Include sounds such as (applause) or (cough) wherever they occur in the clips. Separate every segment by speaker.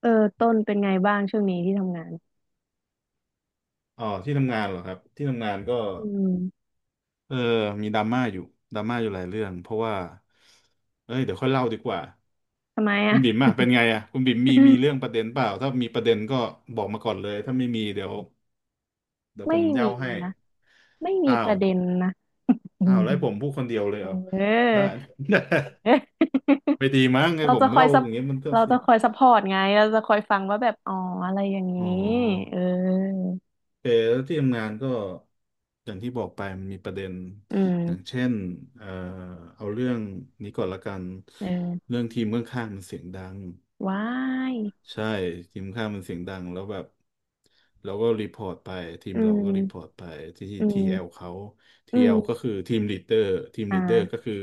Speaker 1: เออต้นเป็นไงบ้างช่วงนี้ที่ทำงาน
Speaker 2: อ๋อที่ทำงานเหรอครับที่ทำงานก็
Speaker 1: อืม
Speaker 2: เออมีดราม่าอยู่ดราม่าอยู่หลายเรื่องเพราะว่าเอ้ยเดี๋ยวค่อยเล่าดีกว่า
Speaker 1: ทำไม
Speaker 2: คุ
Speaker 1: อ่ะ
Speaker 2: ณบิ่มอะเป็นไงอะคุณบิ่มมีเรื่องป
Speaker 1: (laughs)
Speaker 2: ระเด็นเปล่าถ้ามีประเด็นก็บอกมาก่อนเลยถ้าไม่มีเดี๋ยวผ
Speaker 1: ไม่
Speaker 2: มเย่า
Speaker 1: มี
Speaker 2: ให้
Speaker 1: นะไม่มี
Speaker 2: อ้า
Speaker 1: ป
Speaker 2: ว
Speaker 1: ระเด็นนะอื
Speaker 2: อ้าว
Speaker 1: ม
Speaker 2: แล้วให้ผมพูดคนเดียวเลย
Speaker 1: เอ
Speaker 2: เหรอ
Speaker 1: อ
Speaker 2: ได้ (laughs)
Speaker 1: (laughs)
Speaker 2: ไม่ดีมั้งไง
Speaker 1: เรา
Speaker 2: ผม
Speaker 1: จะคอย
Speaker 2: เล่า
Speaker 1: ซั
Speaker 2: อ
Speaker 1: บ
Speaker 2: ย่างเงี้ยมันก็
Speaker 1: เรา
Speaker 2: เสี
Speaker 1: จะ
Speaker 2: ย
Speaker 1: คอยซัพพอร์ตไงเราจะคอยฟังว่าแบบอ๋ออะไรอย่าง
Speaker 2: อ๋
Speaker 1: นี้
Speaker 2: อ
Speaker 1: เออ
Speaker 2: เออแล้วที่ทำงานก็อย่างที่บอกไปมันมีประเด็น
Speaker 1: อื
Speaker 2: อย่าง
Speaker 1: ม
Speaker 2: เช่นเอ่อเอาเรื่องนี้ก่อนละกัน
Speaker 1: เออ
Speaker 2: เรื่องทีมเมืองข้างๆมันเสียงดัง
Speaker 1: ว้าย
Speaker 2: ใช่ทีมข้ามมันเสียงดังแล้วแบบเราก็รีพอร์ตไปทีม
Speaker 1: อื
Speaker 2: เราก็รีพอร์ต
Speaker 1: ม
Speaker 2: ไปที่
Speaker 1: อื
Speaker 2: ที
Speaker 1: ม
Speaker 2: เอลเขาที
Speaker 1: อื
Speaker 2: เอลก็
Speaker 1: ม
Speaker 2: คือทีมลีดเดอร์ทีม
Speaker 1: อ่
Speaker 2: ลีดเดอร์ก็
Speaker 1: า
Speaker 2: คือ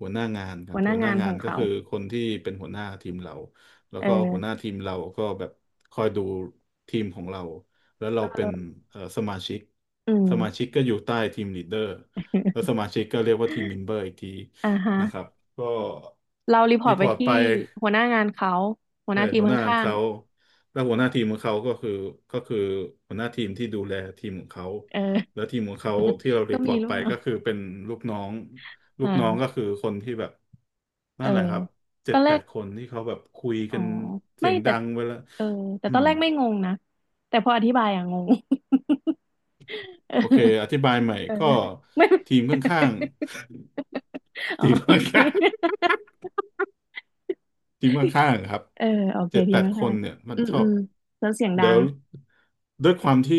Speaker 2: หัวหน้างานครับ
Speaker 1: หัวห
Speaker 2: หั
Speaker 1: น้า
Speaker 2: วหน้า
Speaker 1: งานข
Speaker 2: งา
Speaker 1: อ
Speaker 2: น
Speaker 1: ง
Speaker 2: ก็
Speaker 1: เขา
Speaker 2: คือคนที่เป็นหัวหน้าทีมเราแล้ว
Speaker 1: เ
Speaker 2: ก็หัวหน้า
Speaker 1: ออ
Speaker 2: ทีมเราก็แบบคอยดูทีมของเราแล้วเรา
Speaker 1: เ
Speaker 2: เป็น
Speaker 1: ออ
Speaker 2: สมาชิก
Speaker 1: อืม
Speaker 2: สมาชิกก็อยู่ใต้ทีมลีดเดอร์แล้วสมาชิกก็เรียกว่าทีมเม
Speaker 1: (laughs)
Speaker 2: มเบอร์อีกที
Speaker 1: อ่าฮะ
Speaker 2: นะครับก็
Speaker 1: เรารีพอร์
Speaker 2: รี
Speaker 1: ต
Speaker 2: พ
Speaker 1: ไป
Speaker 2: อร์ต
Speaker 1: ที่
Speaker 2: ไป
Speaker 1: หัวหน้างานเขาหัวห
Speaker 2: ใช่
Speaker 1: น้าทีม
Speaker 2: หัวหน้า
Speaker 1: ข้าง
Speaker 2: เขาแล้วหัวหน้าทีมของเขาก็คือก็คือหัวหน้าทีมที่ดูแลทีมของเขา
Speaker 1: เออ
Speaker 2: แล้วทีมของเขาที่เรา
Speaker 1: (laughs) ก็
Speaker 2: รีพอ
Speaker 1: มี
Speaker 2: ร์ต
Speaker 1: ลู
Speaker 2: ไป
Speaker 1: กน้อ
Speaker 2: ก็
Speaker 1: ง
Speaker 2: คือเป็นลูกน้องลูก
Speaker 1: มา
Speaker 2: น้องก็คือคนที่แบบ
Speaker 1: เอ
Speaker 2: นั่
Speaker 1: อ
Speaker 2: นแหละครับเจ็
Speaker 1: ตอ
Speaker 2: ด
Speaker 1: นแร
Speaker 2: แป
Speaker 1: ก
Speaker 2: ดคนที่เขาแบบคุย
Speaker 1: อ๋อ
Speaker 2: กันเสี
Speaker 1: ไม่
Speaker 2: ยง
Speaker 1: แต่
Speaker 2: ดังเวลา
Speaker 1: เออแต่
Speaker 2: อื
Speaker 1: ตอน
Speaker 2: ม
Speaker 1: แรกไม่งงนะ แต่พออธิบายอะงง
Speaker 2: โอเคอ
Speaker 1: (laughs)
Speaker 2: ธิบายใหม่
Speaker 1: เออ
Speaker 2: ก็
Speaker 1: เออ (laughs) ไม่
Speaker 2: ทีมข้าง
Speaker 1: (laughs)
Speaker 2: ๆ (laughs)
Speaker 1: อ๋อ
Speaker 2: ทีมข
Speaker 1: โอเค
Speaker 2: ้าง
Speaker 1: (laughs)
Speaker 2: ทีมข้างๆอะครับ
Speaker 1: เออโอเค
Speaker 2: เจ็ด
Speaker 1: ดี
Speaker 2: แปด
Speaker 1: มาก
Speaker 2: ค
Speaker 1: ค่ะ
Speaker 2: นเนี่ยมัน
Speaker 1: อืม
Speaker 2: ชอ
Speaker 1: อื
Speaker 2: บ
Speaker 1: มแล้วเสียงดั
Speaker 2: เดี๋ยว
Speaker 1: ง
Speaker 2: ด้วยความที่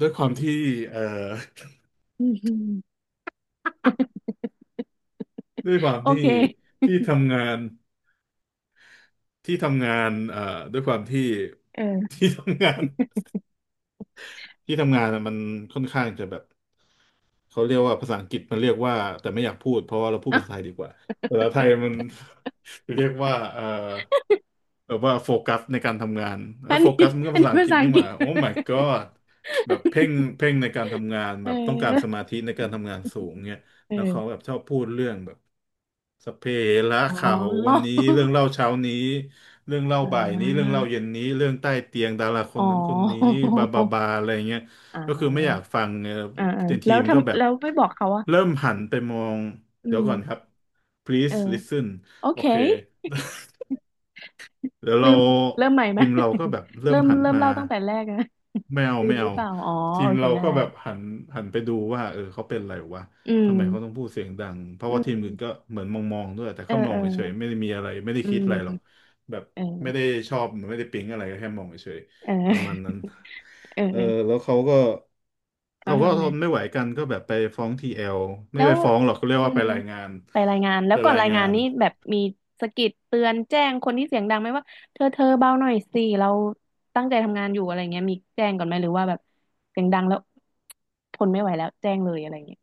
Speaker 2: ด้วยความที่เอ่อ
Speaker 1: (laughs) อืมอืม
Speaker 2: (laughs) ด้วยความ
Speaker 1: โอ
Speaker 2: ที่
Speaker 1: เค
Speaker 2: ที่ทำงานที่ทำงานด้วยความที่
Speaker 1: เออ
Speaker 2: (laughs) ที่ทำงานที่ทำงานอะมันค่อนข้างจะแบบ เขาเรียกว่าภาษาอังกฤษมันเรียกว่าแต่ไม่อยากพูดเพราะว่าเราพูดภาษาไท
Speaker 1: อ่ะ
Speaker 2: ยดีกว่าภาษาไทยมัน (laughs) เรียกว่าแบบว่าโฟกัสในการทำงานเอ้
Speaker 1: อั
Speaker 2: ย
Speaker 1: น
Speaker 2: โฟ
Speaker 1: นี้
Speaker 2: กัสมัน
Speaker 1: (laughs)
Speaker 2: ก็
Speaker 1: อัน
Speaker 2: ภาษา
Speaker 1: นี้
Speaker 2: อัง
Speaker 1: ภา
Speaker 2: กฤษ
Speaker 1: ษาอั
Speaker 2: นี่
Speaker 1: งก
Speaker 2: ห
Speaker 1: ฤ
Speaker 2: ว่า
Speaker 1: ษ
Speaker 2: โอ้ my god แบบเพ่งเพ่งในการทำงาน
Speaker 1: (laughs)
Speaker 2: แบ
Speaker 1: เออ
Speaker 2: บต้องการสมาธิในการทำงานสูงเนี่ยแล้วเขา
Speaker 1: เออ
Speaker 2: แบบชอบพูดเรื่องแบบสัพเพเหระ
Speaker 1: อ๋อ
Speaker 2: ข่าววันนี้เรื่อง
Speaker 1: (laughs)
Speaker 2: เล่าเช้านี้เรื่องเล่า
Speaker 1: อ่
Speaker 2: บ่ายนี้เรื่อง
Speaker 1: า
Speaker 2: เล่าเย็นนี้เรื่องใต้เตียงดาราค
Speaker 1: อ๋
Speaker 2: นนั้นคนนี้บาบา
Speaker 1: อ
Speaker 2: บาอะไรเงี้ย
Speaker 1: อ่
Speaker 2: ก็คือไม่อยาก
Speaker 1: า
Speaker 2: ฟังเออ
Speaker 1: อ่าอ่า
Speaker 2: ที
Speaker 1: แล้ว
Speaker 2: มก็แบ
Speaker 1: ทำ
Speaker 2: บ
Speaker 1: แล้วไม่บอกเขาว่า
Speaker 2: เริ่มหันไปมอง
Speaker 1: อื
Speaker 2: เดี๋ยวก่อนครับ
Speaker 1: มเอ
Speaker 2: please
Speaker 1: อ
Speaker 2: listen
Speaker 1: โอ
Speaker 2: โอ
Speaker 1: เค
Speaker 2: เค แล้ว
Speaker 1: ลื
Speaker 2: เรา
Speaker 1: มเริ่มใหม่ไหม
Speaker 2: ทีมเราก็แบบ
Speaker 1: (laughs)
Speaker 2: เริ่
Speaker 1: เริ่
Speaker 2: ม
Speaker 1: ม
Speaker 2: หัน
Speaker 1: เริ่ม
Speaker 2: มา
Speaker 1: เล่าตั้งแต่แรกนะ
Speaker 2: ไม่เอา
Speaker 1: (laughs) ลื
Speaker 2: ไม่
Speaker 1: มหรื
Speaker 2: เอา
Speaker 1: อเปล่าอ๋อ
Speaker 2: ที
Speaker 1: โอ
Speaker 2: ม
Speaker 1: เค
Speaker 2: เรา
Speaker 1: ได้
Speaker 2: ก็แบบหันไปดูว่าเออเขาเป็นอะไรวะ
Speaker 1: อื
Speaker 2: ทำไมเขาต้อง
Speaker 1: ม
Speaker 2: พูดเสียงดังเพราะ
Speaker 1: อื
Speaker 2: ว่าทีมอื่นก็
Speaker 1: ม
Speaker 2: เหมือนมองด้วยแต่
Speaker 1: เออ
Speaker 2: เขามอ
Speaker 1: เอ
Speaker 2: ง
Speaker 1: อ
Speaker 2: เฉยๆไม่ได้มีอะไรไม่ได้
Speaker 1: อื
Speaker 2: คิดอะไรหรอก
Speaker 1: ม
Speaker 2: แบบ
Speaker 1: เอ
Speaker 2: ไม่ได้
Speaker 1: อ
Speaker 2: ชอบหรือไม่ได้ปิ๊งอะไรก็แค่มองเฉย
Speaker 1: เออ
Speaker 2: ๆประมาณนั้น
Speaker 1: (laughs) เออ
Speaker 2: เออแล้วเขาก็
Speaker 1: เขา
Speaker 2: เขาก็
Speaker 1: ทำ
Speaker 2: ท
Speaker 1: ไง
Speaker 2: นไม่ไหวกันก็แบบไปฟ้องทีเอลไม่
Speaker 1: แล้ว
Speaker 2: ไปฟ้องหรอกเขาเรียก
Speaker 1: อื
Speaker 2: ว่าไป
Speaker 1: ม
Speaker 2: รายงาน
Speaker 1: ไปรายงานแล้
Speaker 2: ไป
Speaker 1: วก่อน
Speaker 2: ราย
Speaker 1: ราย
Speaker 2: งา
Speaker 1: งาน
Speaker 2: น
Speaker 1: นี่แบบมีสะกิดเตือนแจ้งคนที่เสียงดังไหมว่าเธอเบาหน่อยสิเราตั้งใจทำงานอยู่อะไรเงี้ยมีแจ้งก่อนไหมหรือว่าแบบเสียงดังแล้วทนไม่ไหวแล้วแจ้งเลยอะไรเงี้ย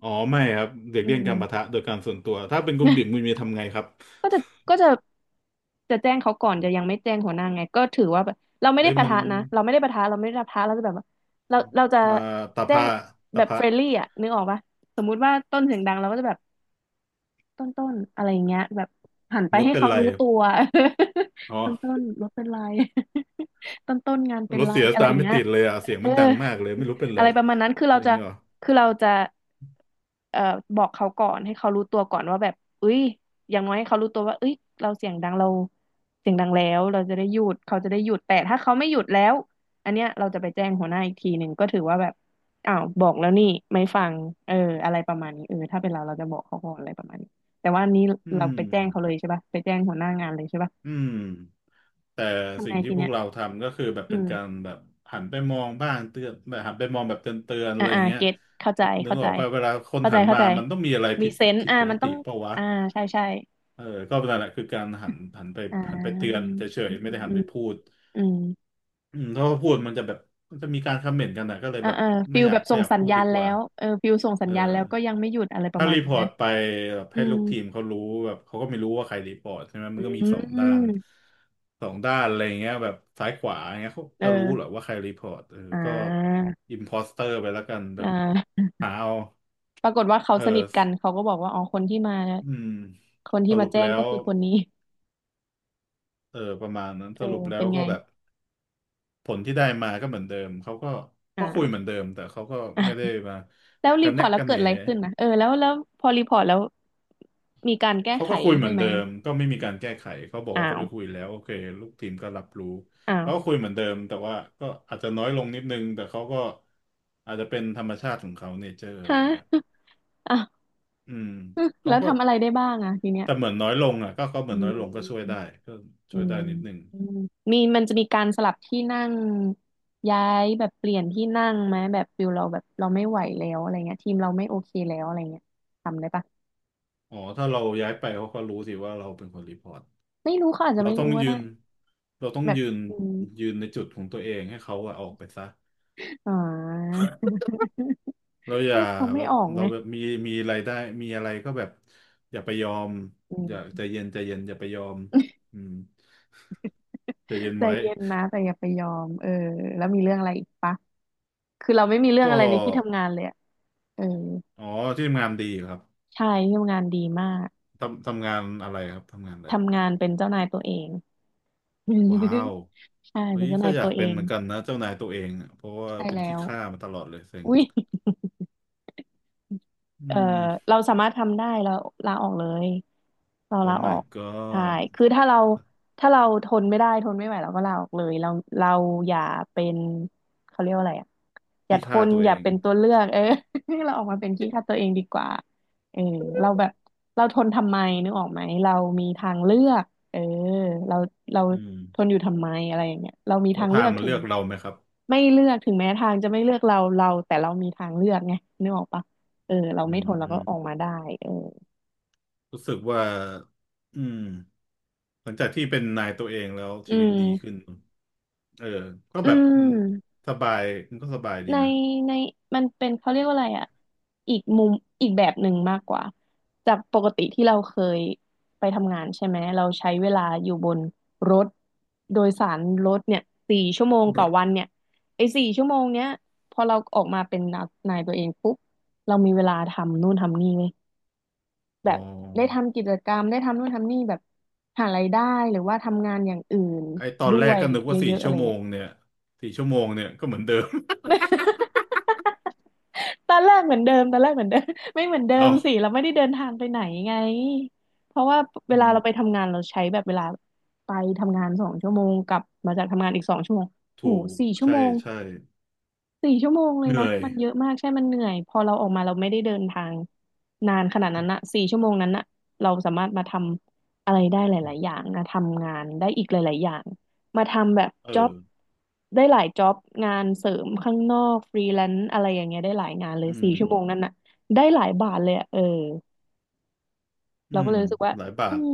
Speaker 2: อ๋อไม่ครับเด็ก
Speaker 1: อื
Speaker 2: เลี่ยง
Speaker 1: ม
Speaker 2: การปะทะโดยการส่วนตัวถ้าเป็นคุณบิ่มคุณมี
Speaker 1: (laughs)
Speaker 2: ทำไงครับ
Speaker 1: ก็จะก็จะจะแจ้งเขาก่อนจะยังไม่แจ้งหัวหน้าไงก็ถือว่าแบบเราไม่ได้
Speaker 2: เฮ้ย
Speaker 1: ปะ
Speaker 2: มัน
Speaker 1: ทะนะเราไม่ได้ปะทะเราไม่ได้ปะทะเราจะแบบว่าเราจะ
Speaker 2: มาตะ
Speaker 1: แจ้
Speaker 2: พะ
Speaker 1: ง
Speaker 2: ตะ
Speaker 1: แบบ
Speaker 2: พะ
Speaker 1: เฟรนลี่อ่ะนึกออกปะสมมุติว่าต้นเสียงดังเราก็จะแบบ ต้นต้นอะไรอย่างเงี้ยแบบหันไป
Speaker 2: รถ
Speaker 1: ให้
Speaker 2: เป็น
Speaker 1: เขา
Speaker 2: ไร
Speaker 1: รู้ตัว
Speaker 2: อ๋อ
Speaker 1: (laughs) ต้นต้นรถเป็นไร (laughs) ต้นต้นงานเป็
Speaker 2: ร
Speaker 1: น
Speaker 2: ถ
Speaker 1: ไร
Speaker 2: เสียส
Speaker 1: อะไร
Speaker 2: ตา
Speaker 1: อ
Speaker 2: ร์ท
Speaker 1: ย่าง
Speaker 2: ไม่
Speaker 1: เงี้ย
Speaker 2: ติดเลยอ่ะเสียง
Speaker 1: เอ
Speaker 2: มั
Speaker 1: อ
Speaker 2: นดังมากเลยไม่รู้เป็น
Speaker 1: อะ
Speaker 2: ไร
Speaker 1: ไรประมาณนั้นคือ
Speaker 2: อะไร
Speaker 1: เรา
Speaker 2: อย่าง
Speaker 1: จะ
Speaker 2: เงี้ยเหรอ
Speaker 1: คือเราจะเอ่อบอกเขาก่อนให้เขารู้ตัวก่อนว่าแบบเอ้ยอย่างน้อยให้เขารู้ตัวว่าเอ้ยเราเสียงดังเราเสียงดังแล้วเราจะได้หยุดเขาจะได้หยุดแต่ถ้าเขาไม่หยุดแล้วอันเนี้ยเราจะไปแจ้งหัวหน้าอีกทีหนึ่งก็ถือว่าแบบอ้าวบอกแล้วนี่ไม่ฟังเอออะไรประมาณนี้เออถ้าเป็นเราเราจะบอกเขาก่อนอะไรประมาณนี้แต่ว่าอันนี้
Speaker 2: อื
Speaker 1: เราไปแจ้งเขาเลย
Speaker 2: ม
Speaker 1: ใช่ปะไปแจ้งหัวหน้างานเลยใช่ปะ
Speaker 2: อืมแต่
Speaker 1: ทำ
Speaker 2: สิ่
Speaker 1: ไง
Speaker 2: งที่
Speaker 1: ที
Speaker 2: พว
Speaker 1: เนี้
Speaker 2: ก
Speaker 1: ย
Speaker 2: เราทำก็คือแบบ
Speaker 1: อื
Speaker 2: เป็น
Speaker 1: ม
Speaker 2: การแบบหันไปมองบ้างเตือนแบบหันไปมองแบบเตือนอะ
Speaker 1: อ่า
Speaker 2: ไรอ
Speaker 1: อ่า
Speaker 2: ย่างเงี้ย
Speaker 1: เก็ตเข้าใจ
Speaker 2: นึก
Speaker 1: เข้า
Speaker 2: อ
Speaker 1: ใจ
Speaker 2: อกป่ะเวลาคน
Speaker 1: เข้า
Speaker 2: หั
Speaker 1: ใจ
Speaker 2: น
Speaker 1: เข้า
Speaker 2: มา
Speaker 1: ใจ
Speaker 2: มันต้องมีอะไร
Speaker 1: มี
Speaker 2: ผิด
Speaker 1: เซนส์
Speaker 2: ผิด
Speaker 1: อ่า
Speaker 2: ปก
Speaker 1: มัน
Speaker 2: ติ
Speaker 1: ต้อง
Speaker 2: เปล่าวะ
Speaker 1: อ่าใช่ใช่
Speaker 2: เออก็นั่นแหละคือการหันไป
Speaker 1: อ่
Speaker 2: หันไปเตือน
Speaker 1: า
Speaker 2: เฉ
Speaker 1: อื
Speaker 2: ย
Speaker 1: ม
Speaker 2: ๆไม่
Speaker 1: อื
Speaker 2: ได้
Speaker 1: ม
Speaker 2: หัน
Speaker 1: อื
Speaker 2: ไป
Speaker 1: ม
Speaker 2: พูด
Speaker 1: อืม
Speaker 2: อืมถ้าว่าพูดมันจะแบบมันจะมีการคอมเมนต์กันนะก็เลย
Speaker 1: อ่า
Speaker 2: แบบ
Speaker 1: อ่า
Speaker 2: ไม่
Speaker 1: ฟิล
Speaker 2: อยา
Speaker 1: แบ
Speaker 2: ก
Speaker 1: บ
Speaker 2: ไม่
Speaker 1: ส่ง
Speaker 2: อยาก
Speaker 1: สัญ
Speaker 2: พูด
Speaker 1: ญา
Speaker 2: ดี
Speaker 1: ณ
Speaker 2: ก
Speaker 1: แล้
Speaker 2: ว่า
Speaker 1: วเออฟิลส่งสั
Speaker 2: เอ
Speaker 1: ญ
Speaker 2: อ
Speaker 1: ญาณแล้วก็ยังไม่หยุดอะไรประ
Speaker 2: ถ้า
Speaker 1: มาณ
Speaker 2: รีพ
Speaker 1: นี้
Speaker 2: อร์
Speaker 1: นะ
Speaker 2: ตไปแบบ
Speaker 1: อื
Speaker 2: ให้
Speaker 1: ม
Speaker 2: ลูกทีมเขารู้แบบเขาก็ไม่รู้ว่าใครรีพอร์ตใช่ไหมมั
Speaker 1: อื
Speaker 2: นก็มีสองด้าน
Speaker 1: ม
Speaker 2: สองด้านอะไรอย่างเงี้ยแบบซ้ายขวาอย่างเงี้ยเขาจะรู้เหรอ
Speaker 1: เออ
Speaker 2: ว่าใครรีพอร์ตเออ
Speaker 1: อ่
Speaker 2: ก็
Speaker 1: า
Speaker 2: อิมพอสเตอร์ไปแล้วกันแบ
Speaker 1: อ่
Speaker 2: บ
Speaker 1: า
Speaker 2: หาเอา
Speaker 1: ปรากฏว่าเขา
Speaker 2: เอ
Speaker 1: สนิท
Speaker 2: อ
Speaker 1: กันเขาก็บอกว่าอ๋อคนที่มา
Speaker 2: อืม
Speaker 1: คน
Speaker 2: ส
Speaker 1: ที่มา
Speaker 2: รุป
Speaker 1: แจ้
Speaker 2: แล้
Speaker 1: งก็
Speaker 2: ว
Speaker 1: คือคนนี้
Speaker 2: เออประมาณนั้น
Speaker 1: เอ
Speaker 2: ส
Speaker 1: อ
Speaker 2: รุปแล้
Speaker 1: เป็
Speaker 2: ว
Speaker 1: นไง
Speaker 2: ก็แบบผลที่ได้มาก็เหมือนเดิมเขาก็
Speaker 1: อ่า
Speaker 2: ก็คุย
Speaker 1: (laughs)
Speaker 2: เหมื
Speaker 1: ว
Speaker 2: อนเดิมแต่เขาก็
Speaker 1: อ่ะ
Speaker 2: ไม่ได้มา
Speaker 1: แล้วรี
Speaker 2: กัน
Speaker 1: พอ
Speaker 2: แนะ
Speaker 1: ร์ตแล้ว
Speaker 2: กันแห
Speaker 1: เกิ
Speaker 2: น
Speaker 1: ดอะไรขึ้นนะเออแล้วแล้วพอรีพอร์ตแล้วมีการแก้
Speaker 2: เขา
Speaker 1: ไข
Speaker 2: ก็คุยเหมื
Speaker 1: ให้
Speaker 2: อน
Speaker 1: ไหม
Speaker 2: เดิมก็ไม่มีการแก้ไขเขาบอก
Speaker 1: อ้า
Speaker 2: ว่าเขา
Speaker 1: ว
Speaker 2: ไปคุยแล้วโอเคลูกทีมก็รับรู้
Speaker 1: อ้าว
Speaker 2: เขาก็คุยเหมือนเดิมแต่ว่าก็อาจจะน้อยลงนิดนึงแต่เขาก็อาจจะเป็นธรรมชาติของเขาเนเจอร์อะ
Speaker 1: ฮะ
Speaker 2: ไรเงี้ย
Speaker 1: (laughs) อ้าว
Speaker 2: อืมเขา
Speaker 1: แล้ว
Speaker 2: ก็
Speaker 1: ทำอะไรได้บ้างอ่ะทีเนี้ย
Speaker 2: แต่เหมือนน้อยลงอ่ะก็เขาเหมื
Speaker 1: อื
Speaker 2: อนน้อยลงก็ช่วยได้
Speaker 1: ม
Speaker 2: ก็
Speaker 1: อื
Speaker 2: ช่วยได้
Speaker 1: ม
Speaker 2: นิดนึง
Speaker 1: อืมมีมันจะมีการสลับที่นั่งย้ายแบบเปลี่ยนที่นั่งไหมแบบฟิลเราแบบเราไม่ไหวแล้วอะไรเงี้ยทีมเราไม่โอเคแล้วอะไรเงี้ยทำได้ปะ
Speaker 2: อ๋อถ้าเราย้ายไปเขาก็รู้สิว่าเราเป็นคนรีพอร์ต
Speaker 1: ไม่รู้เขาอาจจะ
Speaker 2: เรา
Speaker 1: ไม่
Speaker 2: ต้อ
Speaker 1: รู้
Speaker 2: ง
Speaker 1: ก็
Speaker 2: ยื
Speaker 1: ได้
Speaker 2: นเราต้อง
Speaker 1: แบบ
Speaker 2: ยืน
Speaker 1: อืม
Speaker 2: ยืนในจุดของตัวเองให้เขาอะออกไปซะ
Speaker 1: อ๋อ (laughs)
Speaker 2: เราอย่า
Speaker 1: เขา
Speaker 2: แบ
Speaker 1: ไม่
Speaker 2: บ
Speaker 1: ออก
Speaker 2: เรา
Speaker 1: ไง
Speaker 2: แบบมีมีอะไรได้มีอะไรก็แบบอย่าไปยอม
Speaker 1: อื
Speaker 2: อย่า
Speaker 1: ม
Speaker 2: ใจเย็นใจเย็นอย่าไปยอมอืมใจเย็น
Speaker 1: ใจ
Speaker 2: ไว้
Speaker 1: เย็นนะแต่อย่าไปยอมเออแล้วมีเรื่องอะไรอีกปะคือเราไม่มีเรื่อง
Speaker 2: ก็
Speaker 1: อะไรในที่ทำงานเลยอะเออ
Speaker 2: อ๋อที่ทำงานดีครับ
Speaker 1: ใช่ที่ทำงานดีมาก
Speaker 2: ทำงานอะไรครับทำงานอะไร
Speaker 1: ทำงานเป็นเจ้านายตัวเอง
Speaker 2: ว้าว
Speaker 1: (laughs) ใช่
Speaker 2: เฮ้
Speaker 1: เป็น
Speaker 2: ย
Speaker 1: เจ้า
Speaker 2: ก็
Speaker 1: นาย
Speaker 2: อยา
Speaker 1: ตั
Speaker 2: ก
Speaker 1: วเอ
Speaker 2: เป็นเห
Speaker 1: ง
Speaker 2: มือนกันนะเจ้านายตัวเองอะเพราะว่า
Speaker 1: ใช่
Speaker 2: เป็น
Speaker 1: แล้
Speaker 2: ขี้
Speaker 1: ว
Speaker 2: ข้ามาตลอดเลยเซ็ง
Speaker 1: อุ้ย
Speaker 2: อื
Speaker 1: เอ่อ
Speaker 2: ม
Speaker 1: เราสามารถทำได้เราลาออกเลยเรา
Speaker 2: โอ้
Speaker 1: ลาออ
Speaker 2: my
Speaker 1: กใช่
Speaker 2: god
Speaker 1: คือถ้าเราถ้าเราทนไม่ได้ทนไม่ไหวเราก็ลาออกเลยเราอย่าเป็นเขาเรียกว่าอะไรอ่ะอย่า
Speaker 2: ขี้
Speaker 1: ท
Speaker 2: ข้า
Speaker 1: น
Speaker 2: ตัว
Speaker 1: อ
Speaker 2: เอ
Speaker 1: ย่า
Speaker 2: ง
Speaker 1: เป็นตัวเลือกเออ (laughs) เราออกมาเป็นขี้ข้าตัวเองดีกว่าเออเราแบบเราทนทำไมนึกออกไหมเรามีทางเลือกเออเราเรา
Speaker 2: อืม
Speaker 1: ทนอยู่ทำไมอะไรอย่างเงี้ยเรามี
Speaker 2: แล้
Speaker 1: ทา
Speaker 2: ว
Speaker 1: ง
Speaker 2: ทา
Speaker 1: เลือ
Speaker 2: ง
Speaker 1: ก
Speaker 2: มัน
Speaker 1: ถึ
Speaker 2: เลื
Speaker 1: ง
Speaker 2: อกเราไหมครับ
Speaker 1: ไม่เลือกถึงแม้ทางจะไม่เลือกเราเราแต่เรามีทางเลือกไงนึกออกปะ เออเรา
Speaker 2: อื
Speaker 1: ไม่
Speaker 2: ม
Speaker 1: ทนเรา
Speaker 2: อื
Speaker 1: ก็
Speaker 2: ม
Speaker 1: ออกมาได้เออ
Speaker 2: รู้สึกว่าอืม หลังจากที่เป็นนายตัวเองแล้ว
Speaker 1: อื
Speaker 2: ชีวิตดี
Speaker 1: ม
Speaker 2: ขึ้นเออก็
Speaker 1: อื
Speaker 2: แบบมัน
Speaker 1: ม
Speaker 2: สบายมันก็สบายดี
Speaker 1: ใน
Speaker 2: นะ
Speaker 1: ในมันเป็นเขาเรียกว่าอะไรอ่ะอีกมุมอีกแบบหนึ่งมากกว่าจากปกติที่เราเคยไปทำงานใช่ไหมเราใช้เวลาอยู่บนรถโดยสารรถเนี่ยสี่ชั่วโมงต่อวันเนี่ยไอ้สี่ชั่วโมงเนี้ยพอเราออกมาเป็นนายตัวเองปุ๊บเรามีเวลาทำนู่นทำนี่เลย
Speaker 2: อ๋
Speaker 1: แบ
Speaker 2: อ
Speaker 1: บได้ทำกิจกรรมได้ทำนู่นทำนี่แบบหารายได้หรือว่าทำงานอย่างอื่น
Speaker 2: ไอตอน
Speaker 1: ด้
Speaker 2: แร
Speaker 1: ว
Speaker 2: ก
Speaker 1: ย
Speaker 2: ก็นึก
Speaker 1: เย
Speaker 2: ว่าสี่
Speaker 1: อะๆอะ
Speaker 2: ชั่
Speaker 1: ไร
Speaker 2: วโม
Speaker 1: เงี้
Speaker 2: ง
Speaker 1: ย (laughs)
Speaker 2: เนี่ยสี่ชั่วโมงเนี่ยก็เหมือนเดิม
Speaker 1: ตอนแรกเหมือนเดิมตอนแรกเหมือนเดิม (laughs) ไม่เหมือนเดิ
Speaker 2: (laughs) เอา
Speaker 1: มสิเราไม่ได้เดินทางไปไหนไงเพราะว่าเว
Speaker 2: อื
Speaker 1: ลา
Speaker 2: ม
Speaker 1: เราไปทำงานเราใช้แบบเวลาไปทำงานสองชั่วโมงกลับมาจากทำงานอีกสองชั่วโมง
Speaker 2: ถู
Speaker 1: โห
Speaker 2: ก
Speaker 1: สี่ชั่ว
Speaker 2: ใช่
Speaker 1: โมง
Speaker 2: ใช่
Speaker 1: สี่ชั่วโมงเล
Speaker 2: เห
Speaker 1: ย
Speaker 2: นื่
Speaker 1: นะ
Speaker 2: อย
Speaker 1: มันเยอะมากใช่มันเหนื่อยพอเราออกมาเราไม่ได้เดินทางนานขนาดนั้นอะสี่ชั่วโมงนั้นนะเราสามารถมาทำอะไรได้หลายๆอย่างนะทำงานได้อีกหลายๆอย่างมาทำแบบ
Speaker 2: เอ
Speaker 1: จ็อ
Speaker 2: อ
Speaker 1: บได้หลายจ็อบงานเสริมข้างนอกฟรีแลนซ์อะไรอย่างเงี้ยได้หลายงานเลย
Speaker 2: อื
Speaker 1: สี่
Speaker 2: ม
Speaker 1: ชั่วโมงนั้นอะได้หลายบาทเลยอะเออ
Speaker 2: อื
Speaker 1: เราก็
Speaker 2: ม
Speaker 1: เลยรู้สึกว่า
Speaker 2: หลายบา
Speaker 1: อื
Speaker 2: ท
Speaker 1: ม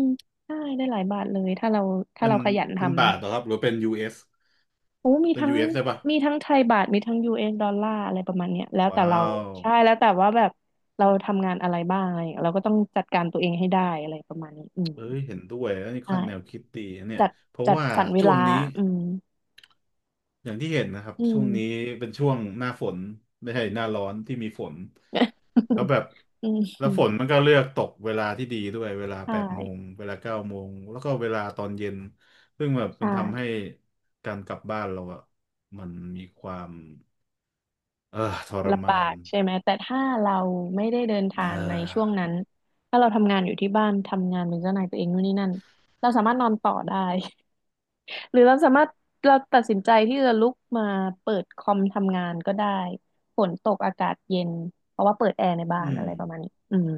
Speaker 1: ใช่ได้หลายบาทเลยถ้าเราถ้า
Speaker 2: เป็น
Speaker 1: เราขยัน
Speaker 2: เป็น
Speaker 1: ทำ
Speaker 2: บา
Speaker 1: นะ
Speaker 2: ทเหรอครับหรือเป็น US เอ
Speaker 1: โอ้
Speaker 2: ส
Speaker 1: มี
Speaker 2: เป็น
Speaker 1: ทั้ง
Speaker 2: US ได้ปะ
Speaker 1: มีทั้งไทยบาทมีทั้งยูเอสดอลลาร์อะไรประมาณเนี้ยแล้วแต่
Speaker 2: ว้า
Speaker 1: เรา
Speaker 2: ว
Speaker 1: ใช่แล้วแต่ว่าแบบเราทำงานอะไรบ้างอะไรอย่างเงี้ยเราก็ต้องจัดการตัวเองให้ได้อะไรประมาณนี้อืม
Speaker 2: เอ้ยเห็นด้วยอันนี้
Speaker 1: ใช่
Speaker 2: ค่อนแนวคิดดีนะเนี่ย
Speaker 1: จัด
Speaker 2: เพราะ
Speaker 1: จัด
Speaker 2: ว่า
Speaker 1: สรรเว
Speaker 2: ช่ว
Speaker 1: ลา
Speaker 2: งนี้
Speaker 1: อืม
Speaker 2: อย่างที่เห็นนะครับ
Speaker 1: อื
Speaker 2: ช่
Speaker 1: ม
Speaker 2: วงนี้เป็นช่วงหน้าฝนไม่ใช่หน้าร้อนที่มีฝนแล้วแบบ
Speaker 1: (laughs) อื
Speaker 2: แล้วฝน
Speaker 1: ม
Speaker 2: มันก็เลือกตกเวลาที่ดีด้วยเวลา
Speaker 1: ใช
Speaker 2: 8 โมง
Speaker 1: ่
Speaker 2: เวลา9 โมงแล้วก็เวลาตอนเย็นซึ่งแบบมันทำให้
Speaker 1: ใช่
Speaker 2: การกลับบ้านเราอะมันมีความเออทร
Speaker 1: ลำบา
Speaker 2: มาน
Speaker 1: กใช่ไหม แต่ถ้าเราไม่ได้เดินทา
Speaker 2: อ่
Speaker 1: งในช่วง
Speaker 2: า
Speaker 1: นั้น ถ้าเราทำงานอยู่ที่บ้านทำงานเป็นเจ้านายตัวเองนู่นนี่นั่นเราสามารถนอนต่อได้ หรือเราสามารถเราตัดสินใจที่จะลุกมาเปิดคอมทำงานก็ได้ฝนตกอากาศเย็นเพราะว่าเปิดแอร์ในบ้าน
Speaker 2: อืม
Speaker 1: อะไรประมาณนี้อืม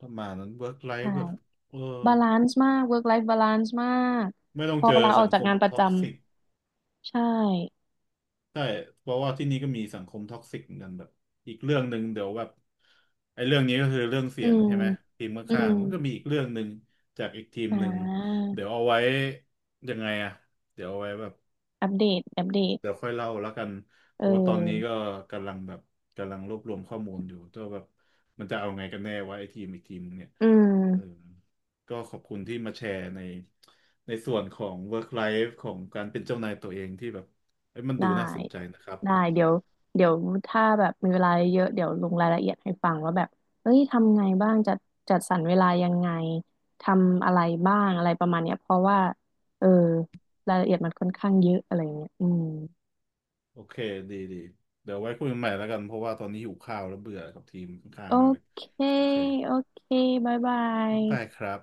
Speaker 2: ประมาณนั้นเวิร์กไล
Speaker 1: ใช่
Speaker 2: ฟ์แบบเออ
Speaker 1: บาลานซ์มาก work life balance มาก
Speaker 2: ไม่ต้อ
Speaker 1: พ
Speaker 2: ง
Speaker 1: อ
Speaker 2: เจอ
Speaker 1: ลาออ
Speaker 2: สั
Speaker 1: ก
Speaker 2: ง
Speaker 1: จา
Speaker 2: ค
Speaker 1: ก
Speaker 2: ม
Speaker 1: งานประ
Speaker 2: ท็
Speaker 1: จ
Speaker 2: อกซิก
Speaker 1: ำใช่
Speaker 2: ใช่เพราะว่าที่นี่ก็มีสังคมท็อกซิกเหมือนกันแบบอีกเรื่องหนึ่งเดี๋ยวแบบไอ้เรื่องนี้ก็คือเรื่องเสี
Speaker 1: อื
Speaker 2: ยง
Speaker 1: ม
Speaker 2: ใช่ไหมทีม
Speaker 1: อื
Speaker 2: ข้าง
Speaker 1: ม
Speaker 2: ๆมันก็มีอีกเรื่องหนึ่งจากอีกทีม
Speaker 1: อ่
Speaker 2: หนึ่ง
Speaker 1: า
Speaker 2: เดี๋ยวเอาไว้ยังไงอะเดี๋ยวเอาไว้แบบ
Speaker 1: อัปเดตอัปเดต
Speaker 2: เดี๋ยวค่อยเล่าแล้วกัน
Speaker 1: เ
Speaker 2: เพราะว่าตอนนี้
Speaker 1: ออ
Speaker 2: ก็กำลังแบบกำลังรวบรวมข้อมูลอยู่ตัวแบบมันจะเอาไงกันแน่ว่าไอ้ทีมอีกทีมเนี่ย
Speaker 1: อืม
Speaker 2: เออก็ขอบคุณที่มาแชร์ในในส่วนของ work life ของการเป็นเจ้านายตัวเองที่แบบเอ้ยมันดู
Speaker 1: ได้
Speaker 2: น่าสนใจนะครับ
Speaker 1: ได้เดี๋ยวเดี๋ยวถ้าแบบมีเวลาเยอะเดี๋ยวลงรายละเอียดให้ฟังว่าแบบเอ้ยทำไงบ้างจัดสรรเวลายังไงทำอะไรบ้างอะไรประมาณเนี้ยเพราะว่าเออรายละเอียดมันค่อนข้างเยอะอะไรเงี้ยอืม
Speaker 2: โอเคดีเดี๋ยวไว้คุยกันใหม่แล้วกันเพราะว่าตอนนี้หิวข้าวแล้วเบื่อกับทีมข้า
Speaker 1: โอ
Speaker 2: งๆมากเลย
Speaker 1: เค
Speaker 2: โอเค
Speaker 1: โอเคบ๊ายบา
Speaker 2: ได้ค
Speaker 1: ย
Speaker 2: รับ